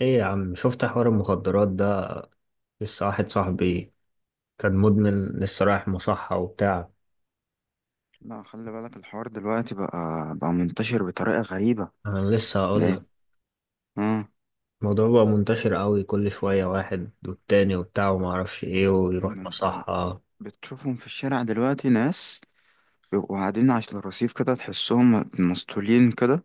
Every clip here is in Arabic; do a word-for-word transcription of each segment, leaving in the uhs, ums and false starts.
ايه يا عم، شفت حوار المخدرات ده؟ لسه واحد صاحبي كان مدمن، لسه رايح مصحة وبتاع. لا خلي بالك الحوار دلوقتي بقى بقى منتشر بطريقة غريبة. انا لسه هقول بقت. لك. اه. الموضوع بقى منتشر قوي، كل شوية واحد والتاني وبتاع وما اعرفش ايه ويروح ما انت مصحة. بتشوفهم في الشارع دلوقتي، ناس بيبقوا قاعدين على الرصيف كده، تحسهم مسطولين كده،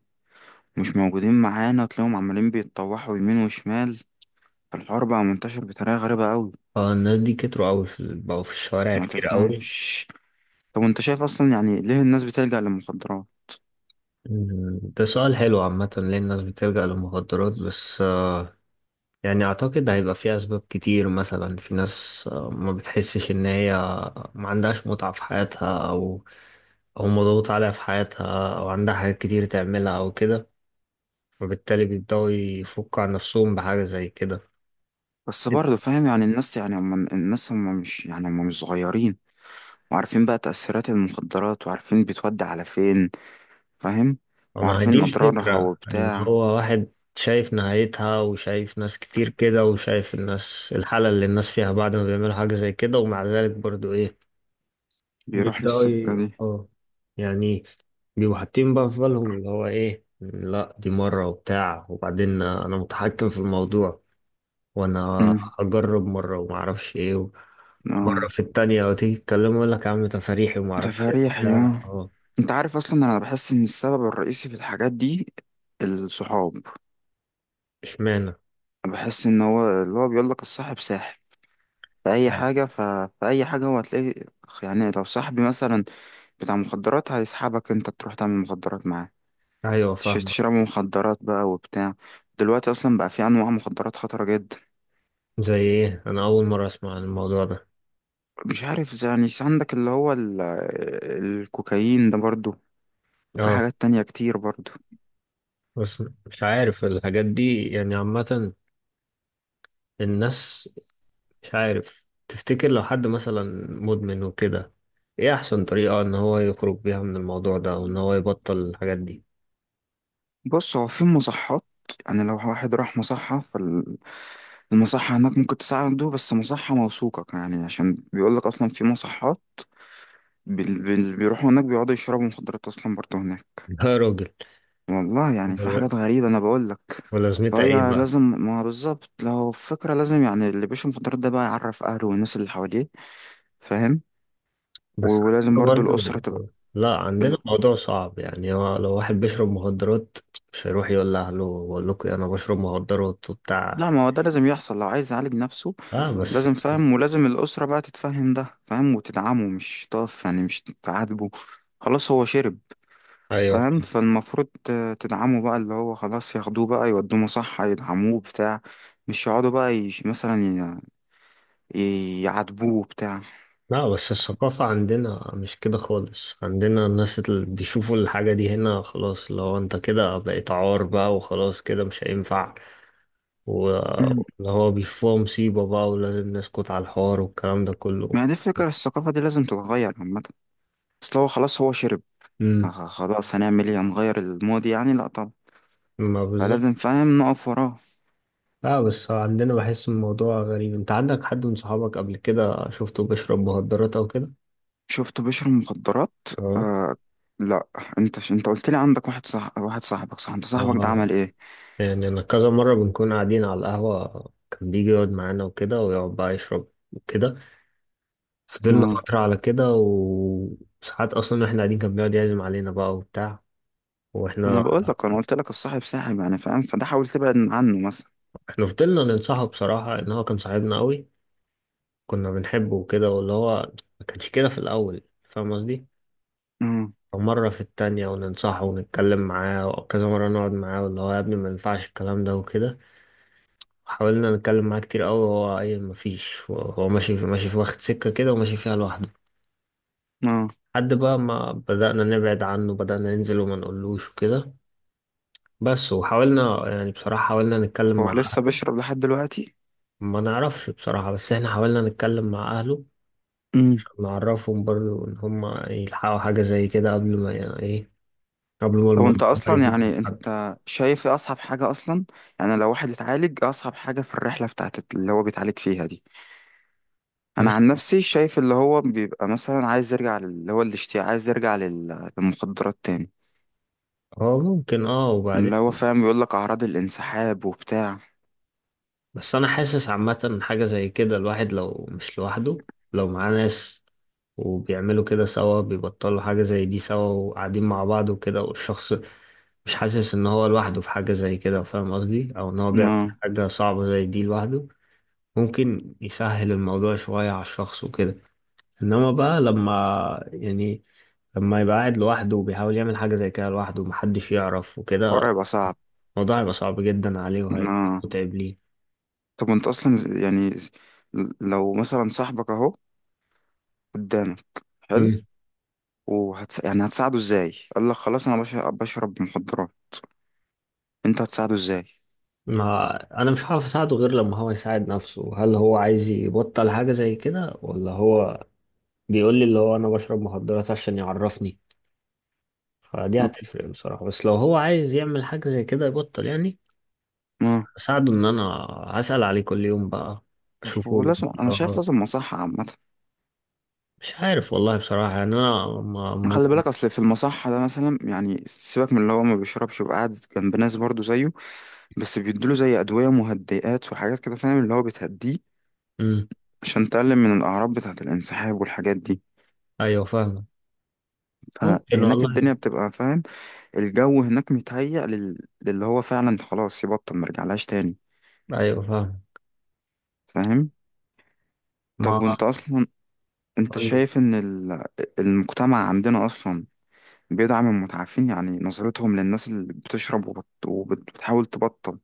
مش موجودين معانا، تلاقيهم عمالين بيتطوحوا يمين وشمال. الحوار بقى منتشر بطريقة غريبة قوي. فالناس دي كتروا قوي، في بقوا في الشوارع ما كتير قوي. تفهمش. طب انت شايف اصلا يعني ليه الناس بتلجأ للمخدرات؟ أمم، ده سؤال حلو عامة، ليه الناس بتلجأ للمخدرات؟ بس آه، يعني أعتقد هيبقى فيه أسباب كتير. مثلا في ناس آه، ما بتحسش إن هي ما عندهاش متعة في حياتها، أو او مضغوط عليها في حياتها، او عندها حاجات كتير تعملها او كده، وبالتالي بيبدأوا يفكوا عن نفسهم بحاجة زي كده. بس برضه فاهم، يعني الناس، يعني هم الناس هم مش، يعني هم مش صغيرين وعارفين بقى تأثيرات المخدرات، وعارفين بتودي على فين، فاهم، ما هي دي وعارفين أضرارها الفكرة، ان وبتاع. هو واحد شايف نهايتها وشايف ناس كتير كده، وشايف الناس الحالة اللي الناس فيها بعد ما بيعملوا حاجة زي كده، ومع ذلك برضو ايه، بيروح بيبدأوا للستة ي- دي. اه يعني بيبقوا حاطين بقى في بالهم اللي هو ايه، لا دي مرة وبتاع، وبعدين انا متحكم في الموضوع، وانا امم. هجرب مرة ومعرفش ايه، مرة اه. في التانية. وتيجي تتكلم يقول لك يا عم تفاريحي وما اعرفش إيه تفاريح وبتاع. يا. اه. انت عارف اصلا، انا بحس ان السبب الرئيسي في الحاجات دي الصحاب. اشمعنى؟ بحس ان هو اللي هو بيقول لك الصاحب ساحب. في اي حاجه ف... في اي حاجه هو هتلاقي، يعني لو صاحبي مثلا بتاع مخدرات، هيسحبك انت تروح تعمل مخدرات معاه، ايوه تش- فاهمك. تشربوا مخدرات بقى وبتاع. دلوقتي اصلا بقى في انواع مخدرات خطره جدا. زي ايه؟ انا اول مرة اسمع عن الموضوع ده. مش عارف، زي- يعني عندك اللي هو ال... الكوكايين ده برضو، في اه. حاجات تانية كتير برضو. بس مش عارف الحاجات دي يعني عامة. الناس مش عارف، تفتكر لو حد مثلا مدمن وكده، ايه احسن طريقة ان هو يخرج بيها من الموضوع ده وان هو يبطل الحاجات دي؟ بص هو في مصحات، يعني لو واحد راح مصحة، فالمصحة هناك ممكن تساعده، بس مصحة موثوقة يعني، عشان بيقولك أصلا في مصحات بال- بال- بيروحوا هناك بيقعدوا يشربوا مخدرات أصلا برضو هناك. يا راجل. والله يعني في ولا- حاجات غريبة أنا بقولك. ولازمتها ايه فهي بقى؟ لازم، ما بالظبط، لو فكرة لازم يعني اللي بيشرب مخدرات ده بقى يعرف أهله والناس اللي حواليه، فاهم. و- بس ولازم برضو عندنا الأسرة برضو، تبقى. لا عندنا موضوع صعب يعني، هو لو واحد بيشرب مخدرات مش هيروح يقول لأهله بقول لكم أنا بشرب مخدرات وبتاع. لا ما هو ده لازم يحصل لو عايز يعالج نفسه. اه بس. لازم، فاهم، ولازم الأسرة بقى تتفهم ده، فاهم، وتدعمه، مش تقف يعني، مش تعاتبه، خلاص هو شرب، أيوه. فاهم. فالمفروض ت- تدعمه بقى، اللي هو خلاص ياخدوه بقى يودوه مصحة، يدعموه بتاع مش يقعدوا بقى يش مثلا ي- ي- يعاتبوه بتاع لا بس الثقافة عندنا مش كده خالص، عندنا الناس اللي بيشوفوا الحاجة دي هنا خلاص لو أنت كده بقيت عار بقى، وخلاص كده مش هينفع. مم. واللي هو بيشوفوها مصيبة بقى، ولازم نسكت على الحوار والكلام ده كله. ما هي دي الفكرة، الثقافة دي لازم تتغير عامة. أصل هو خلاص هو شرب، امم. خ- خلاص هنعمل ايه؟ هنغير الماضي يعني؟ لأ طبعا. ما بالظبط. فلازم، فاهم، نقف وراه. لا بس عندنا بحس الموضوع غريب. انت عندك حد من صحابك قبل كده شفته بيشرب مخدرات او كده؟ شفت بشر المخدرات؟ اه. آه. لا، انت ش... انت قلت لي عندك واحد، صح؟ واحد صاحبك، صح؟ انت صاحبك ده اه عمل ايه؟ يعني انا كذا مرة بنكون قاعدين على القهوة، كان بيجي يقعد معانا وكده ويقعد بقى يشرب وكده. فضلنا اه. فترة على كده، وساعات اصلا واحنا قاعدين كان بيقعد يعزم علينا بقى وبتاع، انا واحنا بقول لك، انا قلت لك الصاحب ساحب، يعني فاهم، فده حاول تبعد عنه مثلا. احنا فضلنا ننصحه بصراحة، ان هو كان صاحبنا قوي، كنا بنحبه وكده، واللي هو ما كانش كده في الاول، فاهم قصدي؟ اه. مرة في التانية وننصحه ونتكلم معاه، وكذا مرة نقعد معاه واللي هو يا ابني ما ينفعش الكلام ده وكده. حاولنا نتكلم معاه كتير قوي، وهو اي مفيش، هو ماشي في ماشي، في واخد سكة كده وماشي فيها لوحده. اه. لحد بقى ما بدأنا نبعد عنه، بدأنا ننزل وما نقولوش وكده. بس وحاولنا يعني بصراحة حاولنا نتكلم هو مع لسه أهله. بيشرب لحد دلوقتي؟ ما نعرفش بصراحة، بس احنا حاولنا نتكلم مع أهله امم. عشان نعرفهم برضو، إن هما يلحقوا حاجة زي كده قبل ما يعني إيه، قبل ما طب انت الموضوع بقى اصلا يزيد من يعني، حد. انت شايف ايه اصعب حاجه اصلا؟ يعني لو واحد اتعالج، إيه اصعب حاجه في الرحله بتاعت اللي هو بيتعالج فيها دي؟ انا مش عن نفسي شايف اللي هو بيبقى مثلا عايز يرجع لل- اللي هو الاشتياق، عايز يرجع لل- للمخدرات تاني. هو ممكن، اه، وبعدين اللي هو فاهم، يقول لك اعراض الانسحاب وبتاع. بس انا حاسس عامة حاجة زي كده، الواحد لو مش لوحده، لو معاه ناس وبيعملوا كده سوا، بيبطلوا حاجة زي دي سوا وقاعدين مع بعض وكده، والشخص مش حاسس ان هو لوحده في حاجة زي كده، فاهم قصدي؟ او ان هو بيعمل ما حاجة صعبة زي دي لوحده. ممكن يسهل الموضوع شوية على الشخص وكده، انما بقى لما يعني لما يبقى قاعد لوحده وبيحاول يعمل حاجة زي كده لوحده ومحدش يعرف وكده، الحوار هيبقى صعب. الموضوع هيبقى صعب جدا عليه وهيبقى ما متعب ليه. طب انت اصلا يعني، لو مثلا صاحبك اهو قدامك، حلو، وهتس... يعني هتساعده ازاي؟ قال لك خلاص انا بش... بشرب مخدرات، انت هتساعده ازاي؟ ما انا مش عارف اساعده غير لما هو يساعد نفسه. هل هو عايز يبطل حاجة زي كده، ولا هو بيقول لي اللي هو انا بشرب مخدرات عشان يعرفني؟ فدي هتفرق بصراحة. بس لو هو عايز يعمل حاجة زي كده يبطل يعني، ما اساعده ان انا هسأل عليه كل يوم بقى، اشوفه. ولازم، انا شايف اه لازم مصحة عامة. مش عارف والله بصراحة، يعني انا ما ما خلي بالك اصل في المصحة ده مثلا، يعني سيبك من اللي هو ما بيشربش وقاعد جنب ناس برضه زيه، بس بيدوله زي ادوية مهدئات وحاجات كده، فاهم، اللي هو بتهديه مم. عشان تقلل من الأعراض بتاعة الانسحاب والحاجات دي. ايوه فاهم. ممكن فهناك والله. الدنيا بتبقى، فاهم، الجو هناك متهيأ لل... للي هو فعلا خلاص يبطل مرجعلهاش تاني، ايوه فاهم. فاهم. طب ما وانت أصلا، انت قول لي، شايف ان ال... المجتمع عندنا أصلا بيدعم المتعافين؟ يعني نظرتهم للناس اللي بتشرب وبت... وبتحاول تبطل،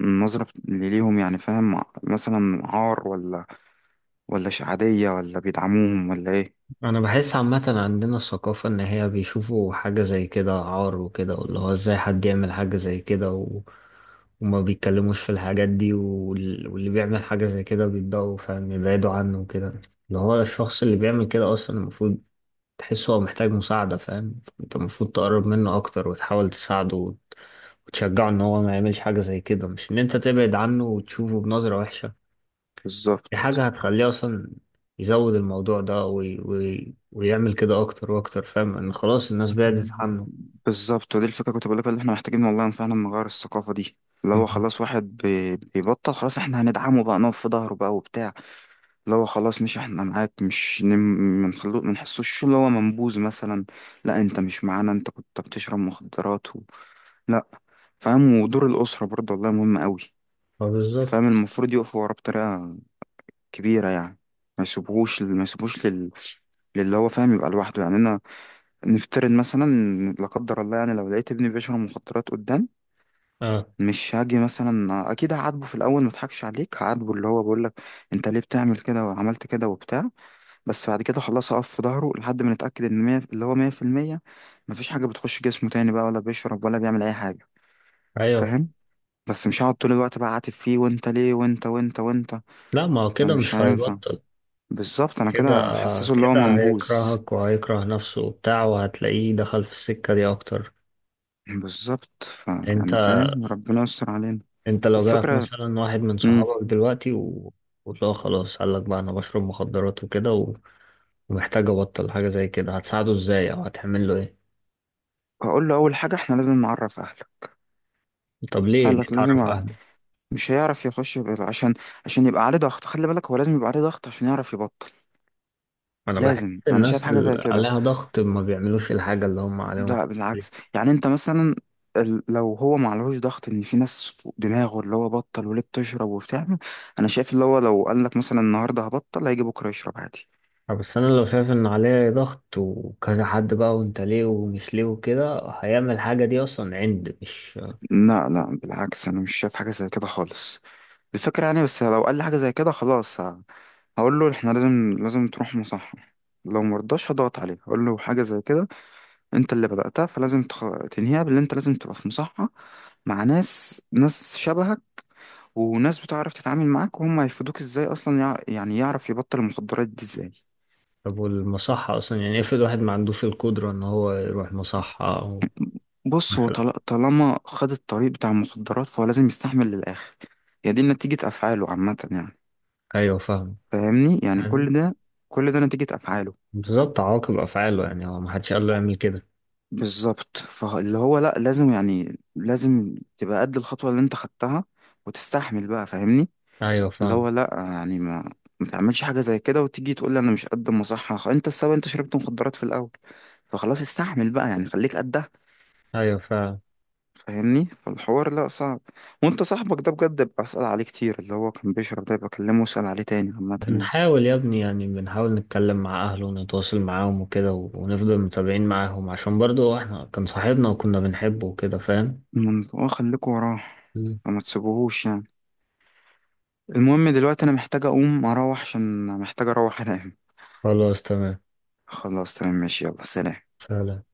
النظرة اللي ليهم يعني، فاهم، مثلا عار، ولا ولا ش- عادية، ولا بيدعموهم، ولا ايه؟ انا بحس عامة عندنا الثقافة ان هي بيشوفوا حاجة زي كده عار وكده، واللي هو ازاي حد يعمل حاجة زي كده و... وما بيتكلموش في الحاجات دي وال... واللي بيعمل حاجة زي كده بيتضايقوا فاهم، يبعدوا عنه وكده. اللي هو الشخص اللي بيعمل كده اصلا المفروض تحسه هو محتاج مساعدة، فاهم؟ انت المفروض تقرب منه اكتر وتحاول تساعده وت... وتشجعه ان هو ما يعملش حاجة زي كده، مش ان انت تبعد عنه وتشوفه بنظرة وحشة. بالظبط. دي حاجة هتخليه أصلا يزود الموضوع ده وي... وي... ويعمل كده أكتر وأكتر، فاهم، إن خلاص الناس بعدت عنه. بالظبط، ودي الفكرة كنت بقولك اللي احنا محتاجين والله فعلا نغير الثقافة دي. اللي هو مم. خلاص واحد بي- بيبطل، خلاص احنا هندعمه بقى، نقف في ظهره بقى وبتاع. اللي هو خلاص، مش احنا معاك، مش نم- منخلو منحسوش اللي هو منبوذ مثلا، لا انت مش معانا انت كنت بتشرب مخدرات و... لا. فاهم. ودور الأسرة برضه والله مهم قوي، اه بالظبط. فاهم، المفروض يقفوا وراه بطريقة كبيرة يعني، ما يسيبوهوش، ما يسيبوش لل... للي هو، فاهم، يبقى لوحده يعني. انا نفترض مثلا، لا قدر الله يعني، لو لقيت ابني بيشرب مخدرات قدام، اه. مش هاجي مثلا، اكيد هعاتبه في الاول ما اضحكش عليك، هعاتبه اللي هو بقول لك انت ليه بتعمل كده وعملت كده وبتاع، بس بعد كده خلاص اقف في ظهره لحد ما نتاكد ان مية اللي هو مية في المية مفيش حاجه بتخش جسمه تاني بقى، ولا بيشرب ولا بيعمل اي حاجه، ايوه. فاهم. بس مش هقعد طول الوقت بقى عاتب فيه، وانت ليه وانت وانت وانت، لا ما هو كده فمش مش هينفع. هيبطل. بالظبط، انا كده كده حسسه اللي هو كده منبوذ. هيكرهك وهيكره نفسه وبتاع، وهتلاقيه دخل في السكة دي اكتر. بالظبط. ف انت يعني فاهم، ربنا يستر علينا. انت لو جالك والفكره، مثلا واحد من امم، صحابك دلوقتي و... وتلاقيه خلاص قال لك بقى انا بشرب مخدرات وكده و... ومحتاج ابطل حاجة زي كده، هتساعده ازاي او هتعمل له ايه؟ هقول له اول حاجه احنا لازم نعرف اهلك. طب ليه قال ليه لك لازم تعرف اعرف. اهله؟ مش هيعرف يخش غير عشان، عشان يبقى عليه ضغط، خلي بالك هو لازم يبقى عليه ضغط عشان يعرف يبطل. انا بحس لازم، انا شايف الناس حاجه زي اللي كده. عليها ضغط ما بيعملوش الحاجة اللي هم عليهم. لا بالعكس، يعني انت مثلا، ال- لو هو ما عليهوش ضغط ان في ناس فوق دماغه اللي هو بطل وليه بتشرب وبتعمل، انا شايف اللي هو لو قال لك مثلا النهارده هبطل، هيجي بكره يشرب عادي. آه، بس انا لو شايف ان عليه ضغط وكذا حد بقى، وانت ليه ومش ليه وكده، هيعمل الحاجة دي اصلا عند مش. لا لا، بالعكس، انا مش شايف حاجه زي كده خالص. الفكره يعني، بس لو قال لي حاجه زي كده خلاص، ه- هقول له احنا لازم، لازم تروح مصحة. لو مرضاش هضغط عليه، هقول له حاجه زي كده، انت اللي بدأتها، فلازم تخ... تنهيها، باللي انت لازم تبقى في مصحة مع ناس، ناس شبهك، وناس بتعرف تتعامل معاك، وهم هيفيدوك ازاي اصلا يع... يعني يعرف يبطل المخدرات دي ازاي. طب والمصحة اصلا، يعني افرض واحد ما عندوش القدرة ان هو يروح مصحة او بص هو مثلا. طل... طالما خد الطريق بتاع المخدرات، فهو لازم يستحمل للآخر. هي دي نتيجة أفعاله عامة يعني، ايوه فاهم. فاهمني، يعني يعني كل ده، كل ده نتيجة أفعاله. بالظبط، عواقب افعاله يعني، هو ما حدش قال له يعمل كده. بالظبط، فاللي هو لأ، لازم يعني، لازم تبقى قد الخطوة اللي انت خدتها، وتستحمل بقى، فاهمني. ايوه اللي فاهم. هو لا يعني، ما ما تعملش حاجة زي كده وتيجي تقول لي انا مش قد المصحة، خ- انت السبب، انت شربت مخدرات في الاول، فخلاص استحمل بقى يعني، خليك قدها، ايوه فاهم. فاهمني. فالحوار لا صعب. وانت صاحبك ده بجد، ببقى اسأل عليه كتير، اللي هو كان بيشرب ده بكلمه، واسأل عليه تاني عامة يعني. بنحاول يا ابني، يعني بنحاول نتكلم مع أهله ونتواصل معاهم وكده و- ونفضل متابعين معاهم، عشان برضو احنا كان صاحبنا وكنا بنحبه وكده، فاهم. من- اه خليكوا وراه، مم. فما تسيبوهوش يعني. المهم دلوقتي انا محتاج اقوم اروح عشان محتاج اروح انام. خلاص تمام. خلاص تمام ماشي، يلا سلام. سلام.